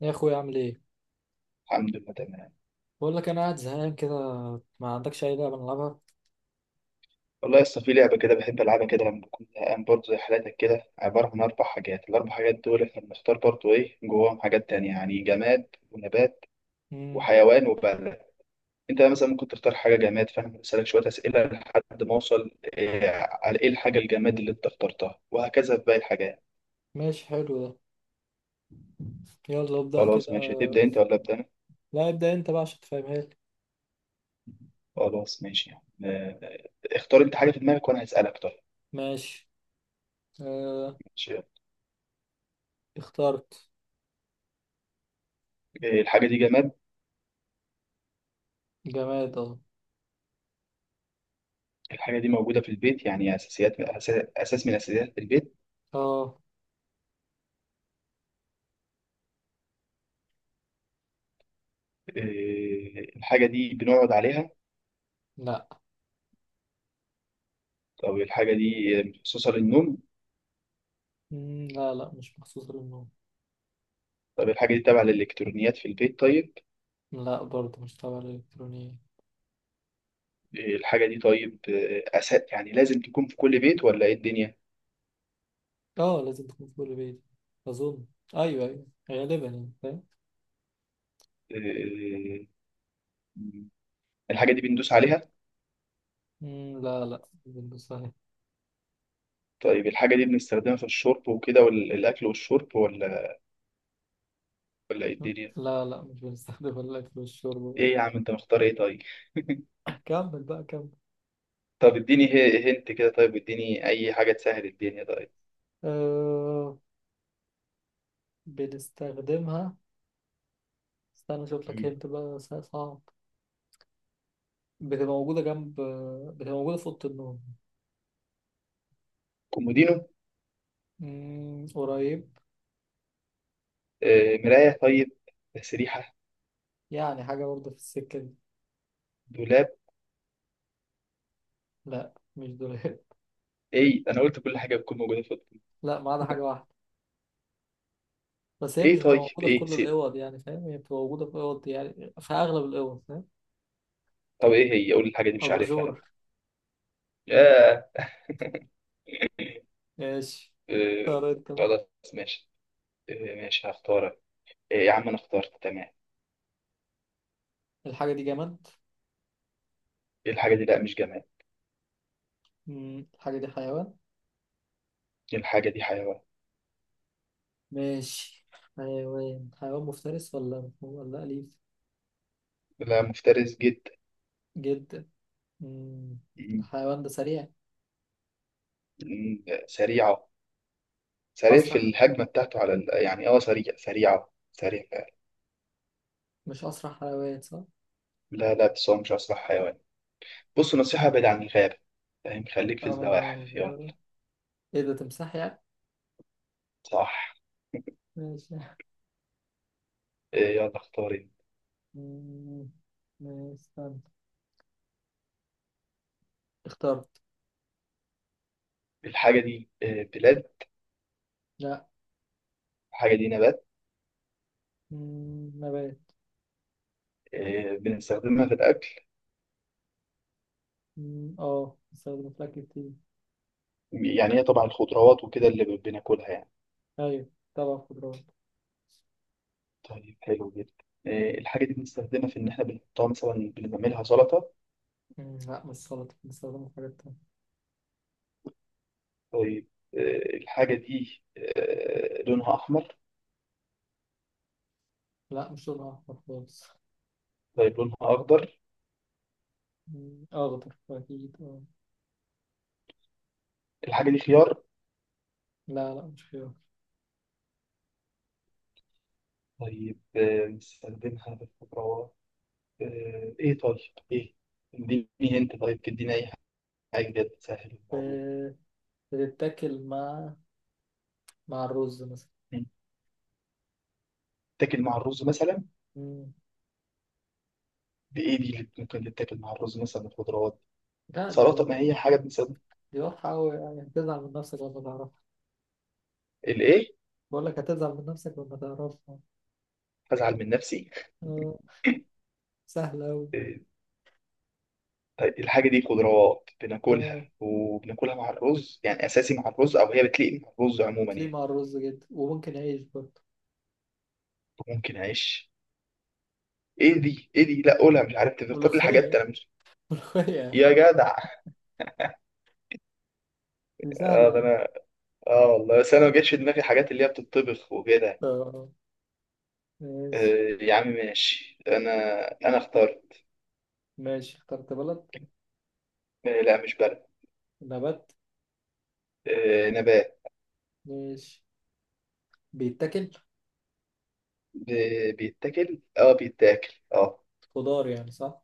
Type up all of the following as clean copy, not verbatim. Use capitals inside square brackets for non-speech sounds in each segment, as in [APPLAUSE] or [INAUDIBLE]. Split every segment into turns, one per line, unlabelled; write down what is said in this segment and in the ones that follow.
يا اخويا اعمل ايه؟
الحمد لله، تمام.
بقول لك انا قاعد زهقان كده. ما عندكش اي لعبه نلعبها؟
والله لسه في لعبة كده بحب ألعبها كده لما بكون زهقان برضه زي حالاتك كده، عبارة عن أربع حاجات. الأربع حاجات دول إحنا بنختار برضه إيه جواهم، حاجات تانية يعني جماد ونبات
امم
وحيوان وبلد. أنت مثلا ممكن تختار حاجة جماد، فأنا بسألك شوية أسئلة لحد ما أوصل إيه على إيه الحاجة الجماد اللي أنت اخترتها، وهكذا في باقي الحاجات.
ماشي، حلو ده. يلا ابدا
خلاص
كده.
ماشي، هتبدأ أنت ولا أبدأ أنا؟
لا، ابدا انت بقى عشان تفهمها لي.
خلاص ماشي. آه، اختار أنت حاجة في دماغك وأنا هسألك. طيب
ماشي. آه.
ماشي،
اخترت.
إيه الحاجة دي، جماد؟
جماد اه.
الحاجة دي موجودة في البيت يعني أساس من أساسيات البيت؟
اه.
الحاجة دي بنقعد عليها؟
لا.
طب الحاجة دي مخصوصة للنوم؟
لا لا مش مخصوص للنوم.
طب الحاجة دي تابعة للإلكترونيات في البيت؟ طيب
لا برضه مش تبع الالكترونيه.
الحاجة دي طيب أساس يعني لازم تكون في كل بيت ولا إيه الدنيا؟
اه، لازم تكون في كل بيت اظن. ايوه ايوه، غالبا يعني فاهم.
إيه، الحاجة دي بندوس عليها؟
لا لا مش بنلبسها.
طيب الحاجة دي بنستخدمها في الشرب وكده، والأكل والشرب ولا إيه الدنيا؟
لا لا مش بنستخدمها الا في الشرب.
إيه يا عم أنت مختار إيه طيب؟ [LAUGHS]
[LAUGHS] كمل بقى كمل.
طب اديني، هنت كده. طيب واديني أي حاجة تسهل الدنيا طيب.
أه، بنستخدمها. استنى اشوف لك،
مم.
هنت بقى صعب. بتبقى موجودة جنب، بتبقى موجودة في أوضة النوم.
كومودينو؟
مم، قريب.
مراية؟ طيب تسريحة؟
يعني حاجة برضه في السكة دي.
دولاب؟
لا، مش دولاب.
ايه ده، انا قلت كل حاجة بتكون موجودة في اوضتك.
[LAUGHS] لا، ما عدا حاجة واحدة. بس هي
ايه
مش بتبقى
طيب،
موجودة في
ايه
كل
سيب.
الأوض، يعني فاهم، هي بتبقى موجودة في أوض، يعني في أغلب الأوض، فاهم.
طب ايه هي، قول لي الحاجة دي مش عارفها
أباجورة.
لا. ياه.
ماشي.
آه،
طب انت بقى.
خلاص ماشي. ماشي هختارك. يا عم انا اخترت تمام.
الحاجة دي جماد؟
ايه الحاجة دي، لا مش جماد.
مم، الحاجة دي حيوان.
ايه الحاجة دي حيوان.
ماشي. حيوان، حيوان مفترس ولا أليف؟
لا مفترس جدا.
جدا. مم.
مم.
الحيوان ده سريع؟
سريعة. سريع في
أسرع.
الهجمة بتاعته على ال... يعني اه سريع سريعة سريع فعلا.
مش أسرع حيوان صح؟
لا لا، بس هو مش أسرع حيوان. بص، نصيحة، بعيد عن الغابة، فاهم؟ خليك في
أبعد عن
الزواحف يلا.
الغابة. إيه ده، تمساح يعني؟
صح.
ماشي.
يلا اختاري.
مم. ماشي، استنى. اخترت.
الحاجة دي بلاد؟
لا.
الحاجة دي نبات.
مم. نبات.
بنستخدمها في الأكل؟
اه، بستخدمه في الأكل كتير.
يعني هي طبعا الخضروات وكده اللي بناكلها يعني.
أيوة طبعا خضروات.
طيب حلو جدا. الحاجة دي بنستخدمها في إن إحنا بنحطها مثلا، بنعملها سلطة؟
لا مش سلطة، بستخدمه في حاجات تانية.
طيب. الحاجة دي لونها أحمر؟
لا مش لونها أحمر خالص.
طيب لونها أخضر.
أخضر أكيد اه.
الحاجة دي خيار؟
لا لا مش خيار.
طيب، بنستخدمها في الخضروات. آه، إيه طيب إيه اديني أنت طيب، اديني أي حاجة كده تسهل الموضوع.
ب- بتتاكل مع الرز مثلا.
مم. تاكل مع الرز مثلا؟
مم.
بإيه دي اللي ممكن تتاكل مع الرز مثلا، الخضروات؟
لا، دي
سلطة؟ ما هي حاجة بنسبة.
دي واضحة أوي، يعني هتزعل من نفسك لما تعرفها.
الإيه؟
بقول لك هتزعل من نفسك لما تعرفها.
هزعل من نفسي؟
آه. سهلة أوي.
إيه، طيب الحاجة دي خضروات بناكلها
آه،
وبناكلها مع الرز يعني أساسي مع الرز، أو هي بتليق مع الرز عموما
بتليق
يعني؟
مع الرز جدا وممكن عيش برضه.
ممكن أعيش. إيه دي؟ لا قولها، مش عارف، تفكر لي حاجات
ملوخية.
أنا مش.
[LAUGHS] ملوخية
يا
يعني.
جدع.
دي سهلة
اه ده
يعني.
انا، اه والله بس انا ما جاتش في دماغي حاجات اللي هي بتطبخ وكده.
آه. ماشي.
آه يا عم ماشي. انا اختار.
ماشي، اخترت بلد.
آه لا مش برد.
نبات.
آه نبات.
ماشي. بيتاكل.
بيتاكل، اه بيتاكل اه.
خضار يعني صح؟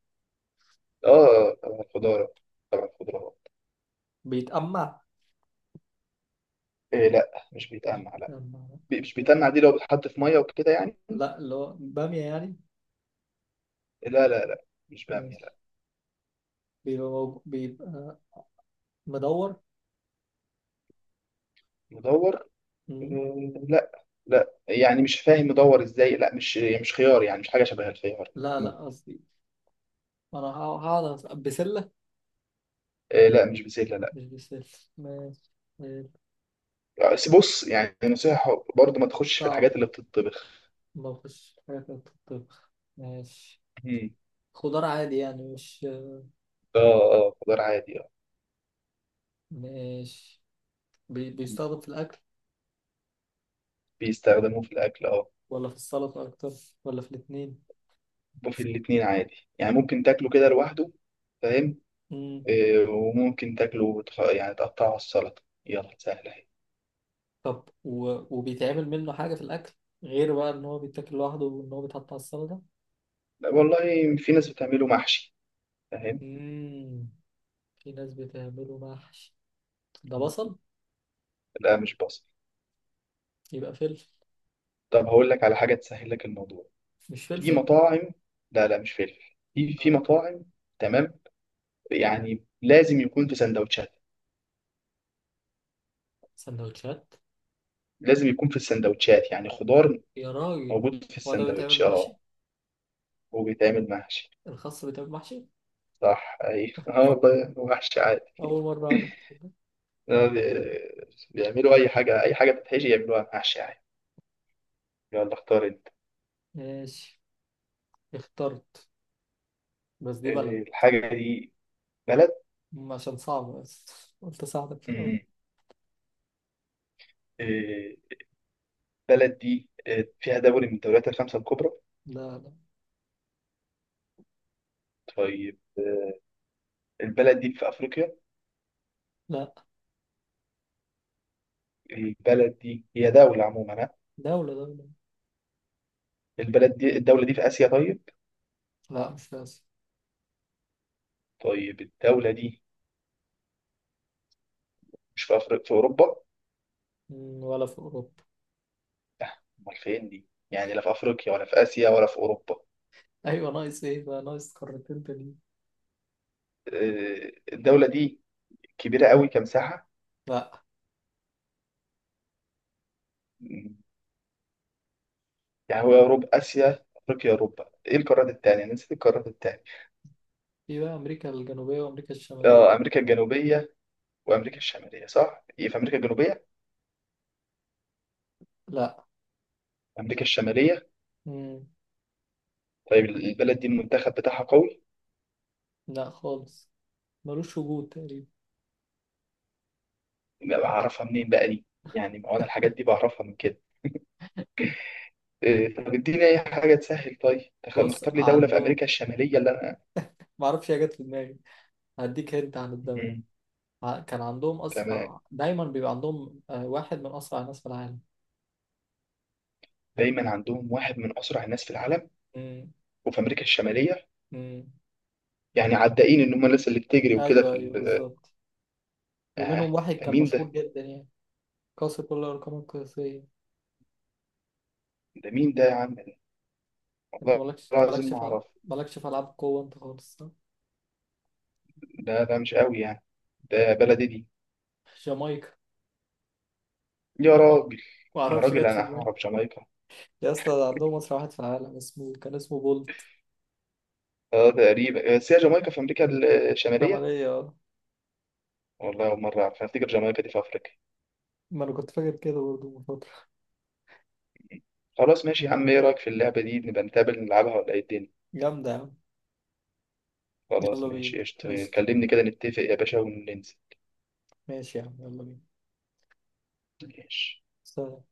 اه طبعا الخضار، طبعا الخضار.
بيتأمع.
إيه لا، مش
مش
بيتقمع لا.
بيتأمع لا.
مش
ماشي.
بيتقمع، دي لو بتحط في ميه وكده يعني.
لا، اللي هو بامية يعني.
لا لا لا، مش بامية
ماشي.
لا.
بيبقى بيبقى مدور.
مدور.
مم.
إيه لا، لا يعني مش فاهم مدور ازاي، لا مش، مش خيار يعني، مش حاجه شبه الخيار
لا لا،
عموماً.
قصدي، أنا هقعد أسأل. بسلة.
إيه لا، مش بسله لا.
مش بسلك. ماشي. آه،
بس بص يعني، نصيحه برضو، ما تخش في
صعب.
الحاجات اللي بتطبخ.
ما فيش حاجة في الطب. ماشي.
مم.
خضار عادي يعني، مش.
اه، اه خضار عادي اه.
ماشي. بيستخدم في الأكل،
بيستخدموه في الاكل اه.
ولا في السلطة أكتر، ولا في الاتنين.
وفي الاتنين عادي، يعني ممكن تاكله كده لوحده، فاهم؟
مم.
وممكن تاكله يعني تقطعه على السلطة، يلا سهلة اهي.
طب و... وبيتعمل منه حاجة في الأكل، غير بقى إن هو بيتاكل لوحده وإن هو بيتحط على السلطة.
لا، والله في ناس بتعمله محشي، فاهم؟
مم. في ناس بتعمله محشي. ده بصل؟
لا مش بصل.
يبقى فلفل.
طب هقول لك على حاجة تسهل لك الموضوع،
مش
في
فلفل.
مطاعم. لا لا مش فلفل، في في
آه.
مطاعم، تمام؟ يعني لازم يكون في سندوتشات،
سندوتشات.
لازم يكون في السندوتشات يعني خضار
يا راجل.
موجود في
هو ده بيتعمل
السندوتش
محشي؟
اه. وبيتعمل محشي.
الخس بيتعمل محشي.
صح ايوه [LAUGHS] اه والله محشي عادي.
أول مرة أعرف،
[LAUGHS]
تصدق؟
بيعملوا اي حاجة، اي حاجة بتتحشي يعملوها محشي عادي. يلا اختار.
ماشي. اخترت. بس دي بلد،
الحاجة دي بلد.
عشان صعبة بس قلت أساعدك في الأول.
مم. آه، البلد دي فيها دوري من الدوريات الخمسة الكبرى؟
لا. لا.
طيب البلد دي في أفريقيا؟
لا.
البلد دي هي دولة عموما، ها؟
دولة دولة.
البلد دي الدولة دي في آسيا؟ طيب.
لا مش في آسيا.
طيب الدولة دي مش في أفريقيا، في أوروبا؟
م، ولا في أوروبا.
آه، أمال فين دي يعني، لا في أفريقيا ولا في آسيا ولا في أوروبا؟
[LAUGHS] أيوة، ناقص إيه بقى؟ ناقص قارتين تانيين.
الدولة دي كبيرة قوي كمساحة؟
لا.
مم، يعني هو أوروبا آسيا أفريقيا أوروبا، إيه القارات التانية؟ أنا نسيت القارات التانية.
في بقى أمريكا الجنوبية وأمريكا الشمالية.
آه أمريكا الجنوبية وامريكا الشماليه، صح؟ ايه في امريكا الجنوبيه؟
لا.
امريكا الشماليه.
م.
طيب البلد دي المنتخب بتاعها قوي؟
لا خالص، ملوش وجود تقريبا.
يبقى بعرفها منين بقى دي؟ يعني ما هو انا الحاجات دي بعرفها من كده. إيه طب اديني اي حاجه تسهل طيب،
بص،
مختار لي دوله في
عندهم،
امريكا الشماليه اللي انا.
معرفش هي جت في دماغي. هديك هنت عن الدولة.
مم.
كان عندهم
تمام،
أسرع، دايما بيبقى عندهم آه، واحد من أسرع الناس في العالم.
دايما عندهم واحد من اسرع الناس في العالم
م.
وفي امريكا الشماليه؟
م.
يعني عدائين ان هم الناس اللي بتجري وكده
ايوه
في
ايوه بالظبط.
اه.
ومنهم واحد
ده
كان
مين ده؟
مشهور جدا يعني، قاسي كل الارقام القياسيه.
ده مين ده يا عم؟
انت
والله العظيم ما اعرف.
مالكش في العاب قوه انت خالص صح؟
ده مش قوي يعني، ده بلدي دي؟
جامايكا.
يا راجل.
ما
يا
اعرفش
راجل
جت في
انا
دماغي.
هعرف جامايكا.
يا اسطى ده عندهم مصري واحد في العالم اسمه، كان اسمه بولت.
اه تقريبا، بس هي جامايكا في امريكا الشماليه؟
شمالية اه.
والله اول مره اعرف، أنا افتكر جامايكا دي في افريقيا.
ما انا كنت فاكر كده برضه من فتره.
خلاص ماشي يا عم، ايه رايك في اللعبه دي نبقى نتقابل نلعبها ولا ايه الدنيا؟
جامده يا عم.
خلاص
يلا بينا.
ماشي قشطة،
قشطه.
كلمني كده نتفق يا باشا وننزل.
ماشي يا عم، يلا بينا.
ماشي.
سلام.